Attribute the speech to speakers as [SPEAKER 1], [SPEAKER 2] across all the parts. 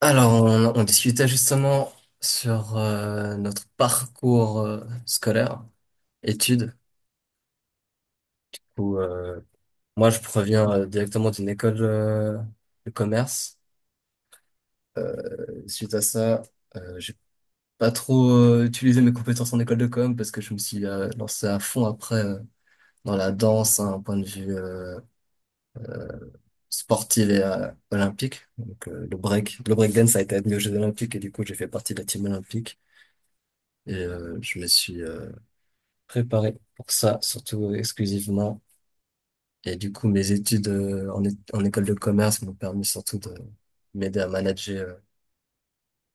[SPEAKER 1] Alors, on discutait justement sur notre parcours scolaire, études, où moi je proviens directement d'une école de commerce. Euh, Suite à ça, j'ai pas trop utilisé mes compétences en école de com parce que je me suis lancé à fond après dans la danse, hein, un point de vue sportif et olympique. Donc le breakdance a été admis aux Jeux Olympiques et du coup j'ai fait partie de la team olympique et je me suis préparé pour ça, surtout exclusivement. Et du coup, mes études en école de commerce m'ont permis surtout de m'aider à manager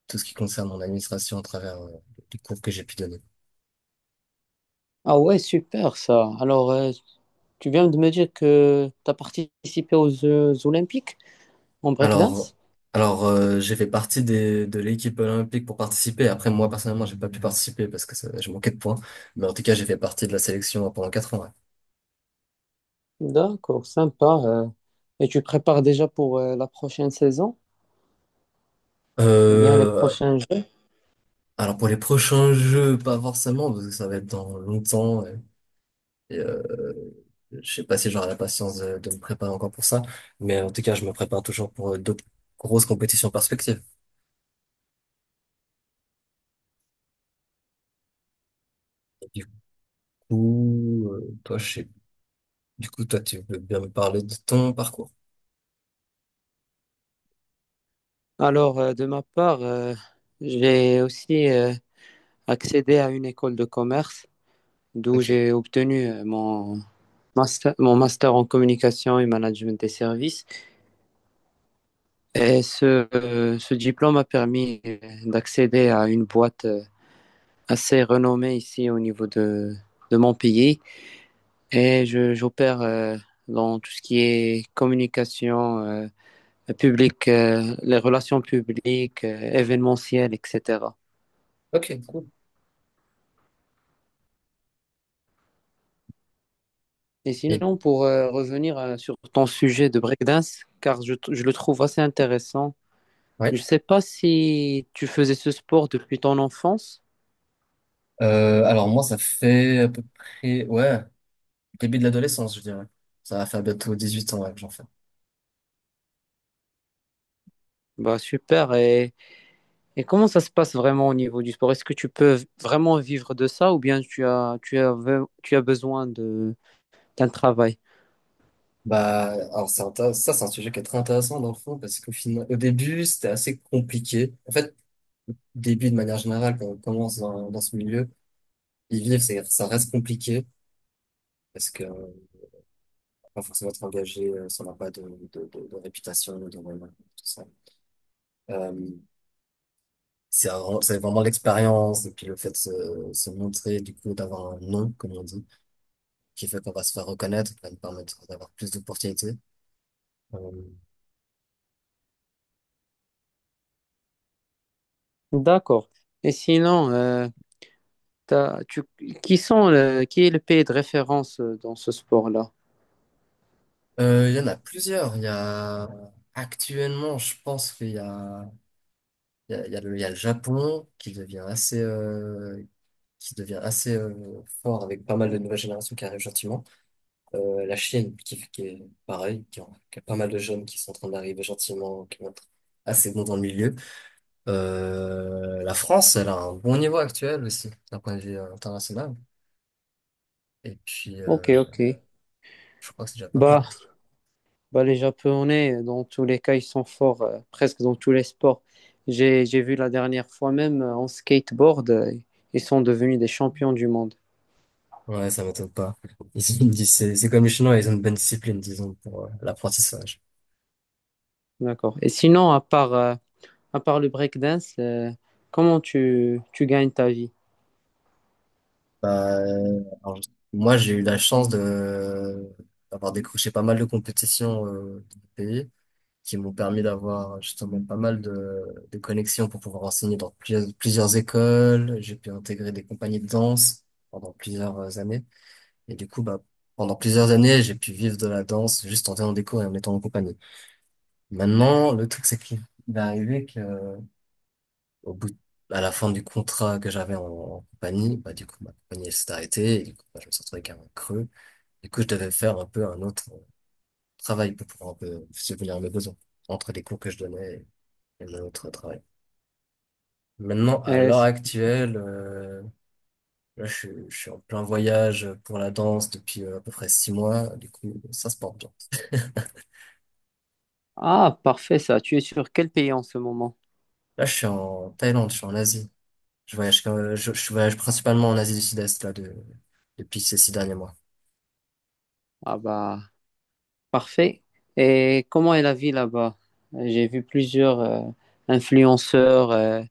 [SPEAKER 1] tout ce qui concerne mon administration à travers les cours que j'ai pu donner.
[SPEAKER 2] Ah ouais, super ça. Alors, tu viens de me dire que tu as participé aux Jeux Olympiques en
[SPEAKER 1] Alors,
[SPEAKER 2] breakdance?
[SPEAKER 1] alors, j'ai fait partie de l'équipe olympique pour participer. Après, moi, personnellement, j'ai pas pu participer parce que je manquais de points. Mais en tout cas, j'ai fait partie de la sélection pendant 4 ans. Ouais.
[SPEAKER 2] D'accord, sympa. Et tu prépares déjà pour la prochaine saison ou bien les
[SPEAKER 1] Euh,
[SPEAKER 2] prochains Jeux?
[SPEAKER 1] alors, pour les prochains jeux, pas forcément, parce que ça va être dans longtemps. Ouais. Et, je sais pas si j'aurai la patience de me préparer encore pour ça, mais en tout cas, je me prépare toujours pour d'autres grosses compétitions perspectives. Du coup, toi, je sais, du coup, toi, tu veux bien me parler de ton parcours.
[SPEAKER 2] Alors, de ma part, j'ai aussi accédé à une école de commerce d'où
[SPEAKER 1] Ok,
[SPEAKER 2] j'ai obtenu mon master en communication et management des services. Et ce, ce diplôme m'a permis d'accéder à une boîte assez renommé ici au niveau de mon pays et j'opère dans tout ce qui est communication publique, les relations publiques, événementielles, etc.
[SPEAKER 1] ok, cool.
[SPEAKER 2] Et
[SPEAKER 1] Et,
[SPEAKER 2] sinon, pour revenir sur ton sujet de breakdance, car je le trouve assez intéressant,
[SPEAKER 1] ouais.
[SPEAKER 2] je ne sais pas si tu faisais ce sport depuis ton enfance.
[SPEAKER 1] Alors moi, ça fait à peu près, ouais, début de l'adolescence, je dirais. Ça va faire bientôt 8 ans, ouais, que j'en fais.
[SPEAKER 2] Bah super. Et comment ça se passe vraiment au niveau du sport? Est-ce que tu peux vraiment vivre de ça ou bien tu as besoin de, d'un travail?
[SPEAKER 1] Bah, alors ça, c'est un sujet qui est très intéressant dans le fond, parce qu'au final, au début, c'était assez compliqué. En fait, début de manière générale, quand on commence dans ce milieu, y vivre, ça reste compliqué parce que pas forcément être engagé si on n'a pas de réputation, de renom, tout ça. Euh, c'est vraiment l'expérience et puis le fait de se montrer, du coup, d'avoir un nom, comme on dit, qui fait qu'on va se faire reconnaître, qui va nous permettre d'avoir plus d'opportunités. Euh,
[SPEAKER 2] D'accord. Et sinon, tu, qui sont qui est le pays de référence dans ce sport-là?
[SPEAKER 1] il y en a plusieurs. Il y a actuellement, je pense qu'il y a, il y a, il y a le, il y a le Japon qui devient assez fort avec pas mal de nouvelles générations qui arrivent gentiment. La Chine, qui est pareil, qui a pas mal de jeunes qui sont en train d'arriver gentiment, qui vont être assez bons dans le milieu. La France, elle a un bon niveau actuel aussi, d'un point de vue international. Et puis,
[SPEAKER 2] Ok, ok.
[SPEAKER 1] je crois que c'est déjà pas mal.
[SPEAKER 2] Bah, bah, les Japonais, dans tous les cas, ils sont forts, presque dans tous les sports. J'ai vu la dernière fois même en skateboard, ils sont devenus des champions du monde.
[SPEAKER 1] Ouais, ça m'étonne pas. Ils ont une c'est comme les Chinois, ils ont une bonne discipline, disons, pour l'apprentissage.
[SPEAKER 2] D'accord. Et sinon, à part, à part le breakdance, comment tu gagnes ta vie?
[SPEAKER 1] Bah, alors, moi, j'ai eu la chance de d'avoir décroché pas mal de compétitions dans mon pays qui m'ont permis d'avoir justement pas mal de connexions pour pouvoir enseigner dans plusieurs écoles. J'ai pu intégrer des compagnies de danse pendant plusieurs années. Et du coup, bah, pendant plusieurs années, j'ai pu vivre de la danse juste en donnant des cours et en étant en compagnie. Maintenant, le truc, c'est qu'il est arrivé que, au bout, à la fin du contrat que j'avais en compagnie, bah, du coup, ma compagnie, elle s'est arrêtée. Et du coup, bah, je me suis retrouvé avec un creux. Du coup, je devais faire un peu un autre travail pour pouvoir un peu subvenir à mes besoins entre les cours que je donnais. Et un autre travail. Maintenant, à
[SPEAKER 2] Euh,
[SPEAKER 1] l'heure actuelle, là, je suis en plein voyage pour la danse depuis à peu près 6 mois. Du coup, ça se porte bien.
[SPEAKER 2] ah, parfait ça. Tu es sur quel pays en ce moment?
[SPEAKER 1] Là, je suis en Thaïlande, je suis en Asie. Je voyage, je voyage principalement en Asie du Sud-Est là depuis ces 6 derniers mois.
[SPEAKER 2] Ah bah, parfait. Et comment est la vie là-bas? J'ai vu plusieurs influenceurs,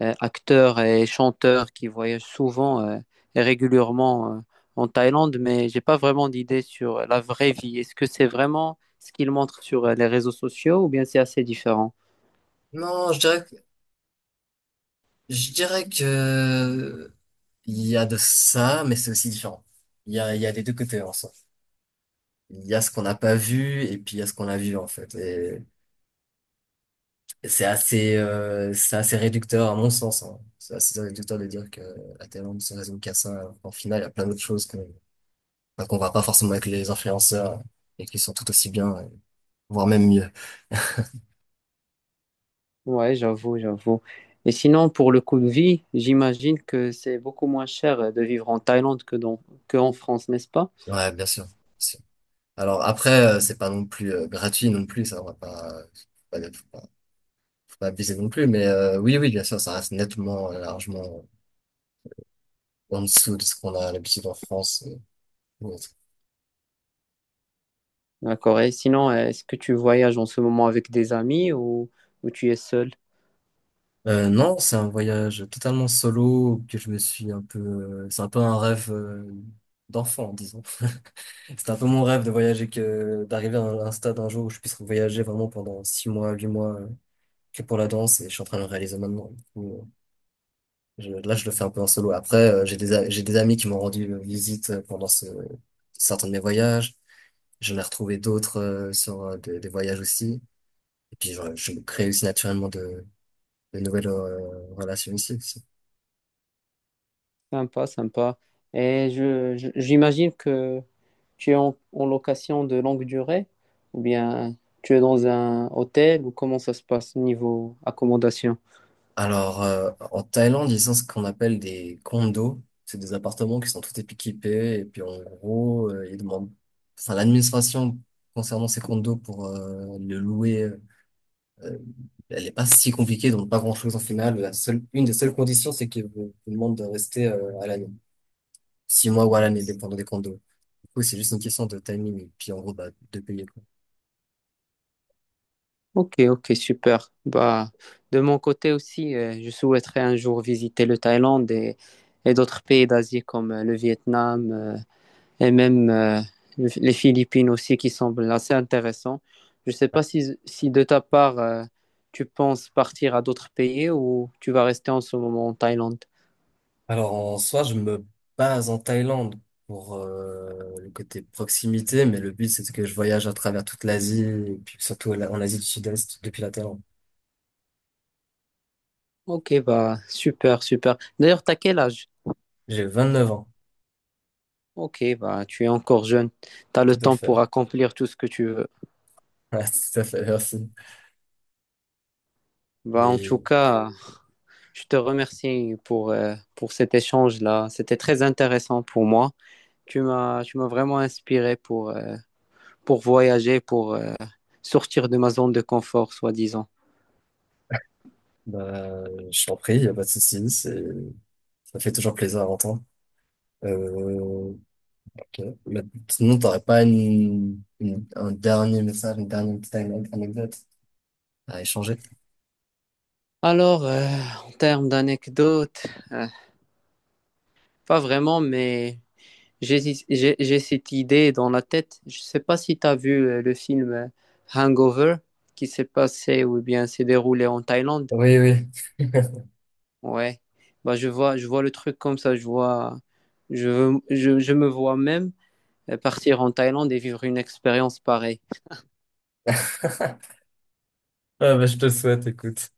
[SPEAKER 2] acteurs et chanteurs qui voyagent souvent et régulièrement en Thaïlande, mais j'ai pas vraiment d'idée sur la vraie vie. Est-ce que c'est vraiment ce qu'ils montrent sur les réseaux sociaux ou bien c'est assez différent?
[SPEAKER 1] Non, je dirais que Il y a de ça, mais c'est aussi différent. Il y a les deux côtés en soi. Il y a ce qu'on n'a pas vu et puis il y a ce qu'on a vu en fait. Et c'est assez réducteur à mon sens, hein. C'est assez réducteur de dire que la Thaïlande se résume qu'à ça, alors qu'en final, il y a plein d'autres choses qu'on voit pas forcément avec les influenceurs et qui sont tout aussi bien, voire même mieux.
[SPEAKER 2] Ouais, j'avoue, j'avoue. Et sinon, pour le coût de vie, j'imagine que c'est beaucoup moins cher de vivre en Thaïlande que dans, que en France, n'est-ce pas?
[SPEAKER 1] Ouais, bien sûr, bien sûr. Alors après, c'est pas non plus gratuit non plus. Ça, on va pas, pas, faut pas, faut pas abuser non plus. Mais oui, oui, bien sûr, ça reste nettement, largement en dessous de ce qu'on a l'habitude en France, ou autre.
[SPEAKER 2] D'accord. Et sinon, est-ce que tu voyages en ce moment avec des amis ou tu es seul?
[SPEAKER 1] Non, c'est un voyage totalement solo que je me suis un peu. C'est un peu un rêve d'enfant, disons. C'était un peu mon rêve de voyager que d'arriver à un stade un jour où je puisse voyager vraiment pendant 6 mois, 8 mois que pour la danse et je suis en train de le réaliser maintenant. Du coup, là, je le fais un peu en solo. Après, j'ai des amis qui m'ont rendu visite pendant certains de mes voyages. J'en ai retrouvé d'autres sur des voyages aussi. Et puis, je me crée aussi naturellement de les nouvelles relations ici aussi.
[SPEAKER 2] Sympa, sympa. Et j'imagine que tu es en, en location de longue durée ou bien tu es dans un hôtel ou comment ça se passe niveau accommodation?
[SPEAKER 1] Alors, en Thaïlande, ils ont ce qu'on appelle des condos. C'est des appartements qui sont tout équipés. Et puis, en gros, ils demandent... Enfin, l'administration concernant ces condos pour le louer, euh, elle est pas si compliquée, donc pas grand-chose en final. La seule, une des seules conditions, c'est qu'ils vous demandent de rester à l'année. 6 mois ou à l'année, dépendant des condos. Du coup, c'est juste une question de timing. Et puis, en gros, bah, de payer.
[SPEAKER 2] Ok, ok, super. Bah, de mon côté aussi, je souhaiterais un jour visiter le Thaïlande et d'autres pays d'Asie comme le Vietnam et même les Philippines aussi qui semblent assez intéressants. Je ne sais pas si, si de ta part, tu penses partir à d'autres pays ou tu vas rester en ce moment en Thaïlande.
[SPEAKER 1] Alors en soi, je me base en Thaïlande pour le côté proximité, mais le but c'est que je voyage à travers toute l'Asie, et puis surtout en Asie du Sud-Est depuis la Thaïlande.
[SPEAKER 2] Ok, bah, super, super. D'ailleurs, t'as quel âge?
[SPEAKER 1] J'ai 29 ans,
[SPEAKER 2] Ok, bah, tu es encore jeune. T'as le
[SPEAKER 1] tout à
[SPEAKER 2] temps
[SPEAKER 1] fait.
[SPEAKER 2] pour accomplir tout ce que tu veux.
[SPEAKER 1] Ouais, tout à fait, merci.
[SPEAKER 2] Bah, en tout
[SPEAKER 1] Et
[SPEAKER 2] cas, je te remercie pour cet échange-là. C'était très intéressant pour moi. Tu m'as vraiment inspiré pour voyager, pour sortir de ma zone de confort, soi-disant.
[SPEAKER 1] bah, je t'en prie, y a pas de souci, c'est ça fait toujours plaisir à entendre. Euh, ok. Mais sinon, t'aurais pas un dernier message, une dernière petite anecdote à échanger?
[SPEAKER 2] Alors, en termes d'anecdotes, pas vraiment, mais j'ai cette idée dans la tête. Je ne sais pas si tu as vu le film Hangover qui s'est passé ou bien s'est déroulé en Thaïlande.
[SPEAKER 1] Oui, oui.
[SPEAKER 2] Ouais, bah je vois le truc comme ça, je vois, je me vois même partir en Thaïlande et vivre une expérience pareille.
[SPEAKER 1] Ah, bah, je te le souhaite, écoute.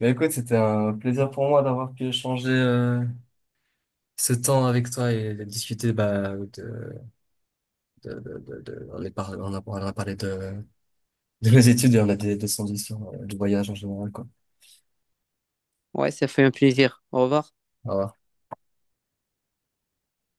[SPEAKER 1] Bah écoute, c'était un plaisir pour moi d'avoir pu échanger ce temps avec toi et de discuter bah, de- on a parlé de nos études et on a des solutions du voyage en général, quoi.
[SPEAKER 2] Ouais, ça fait un plaisir. Au revoir.
[SPEAKER 1] Au revoir.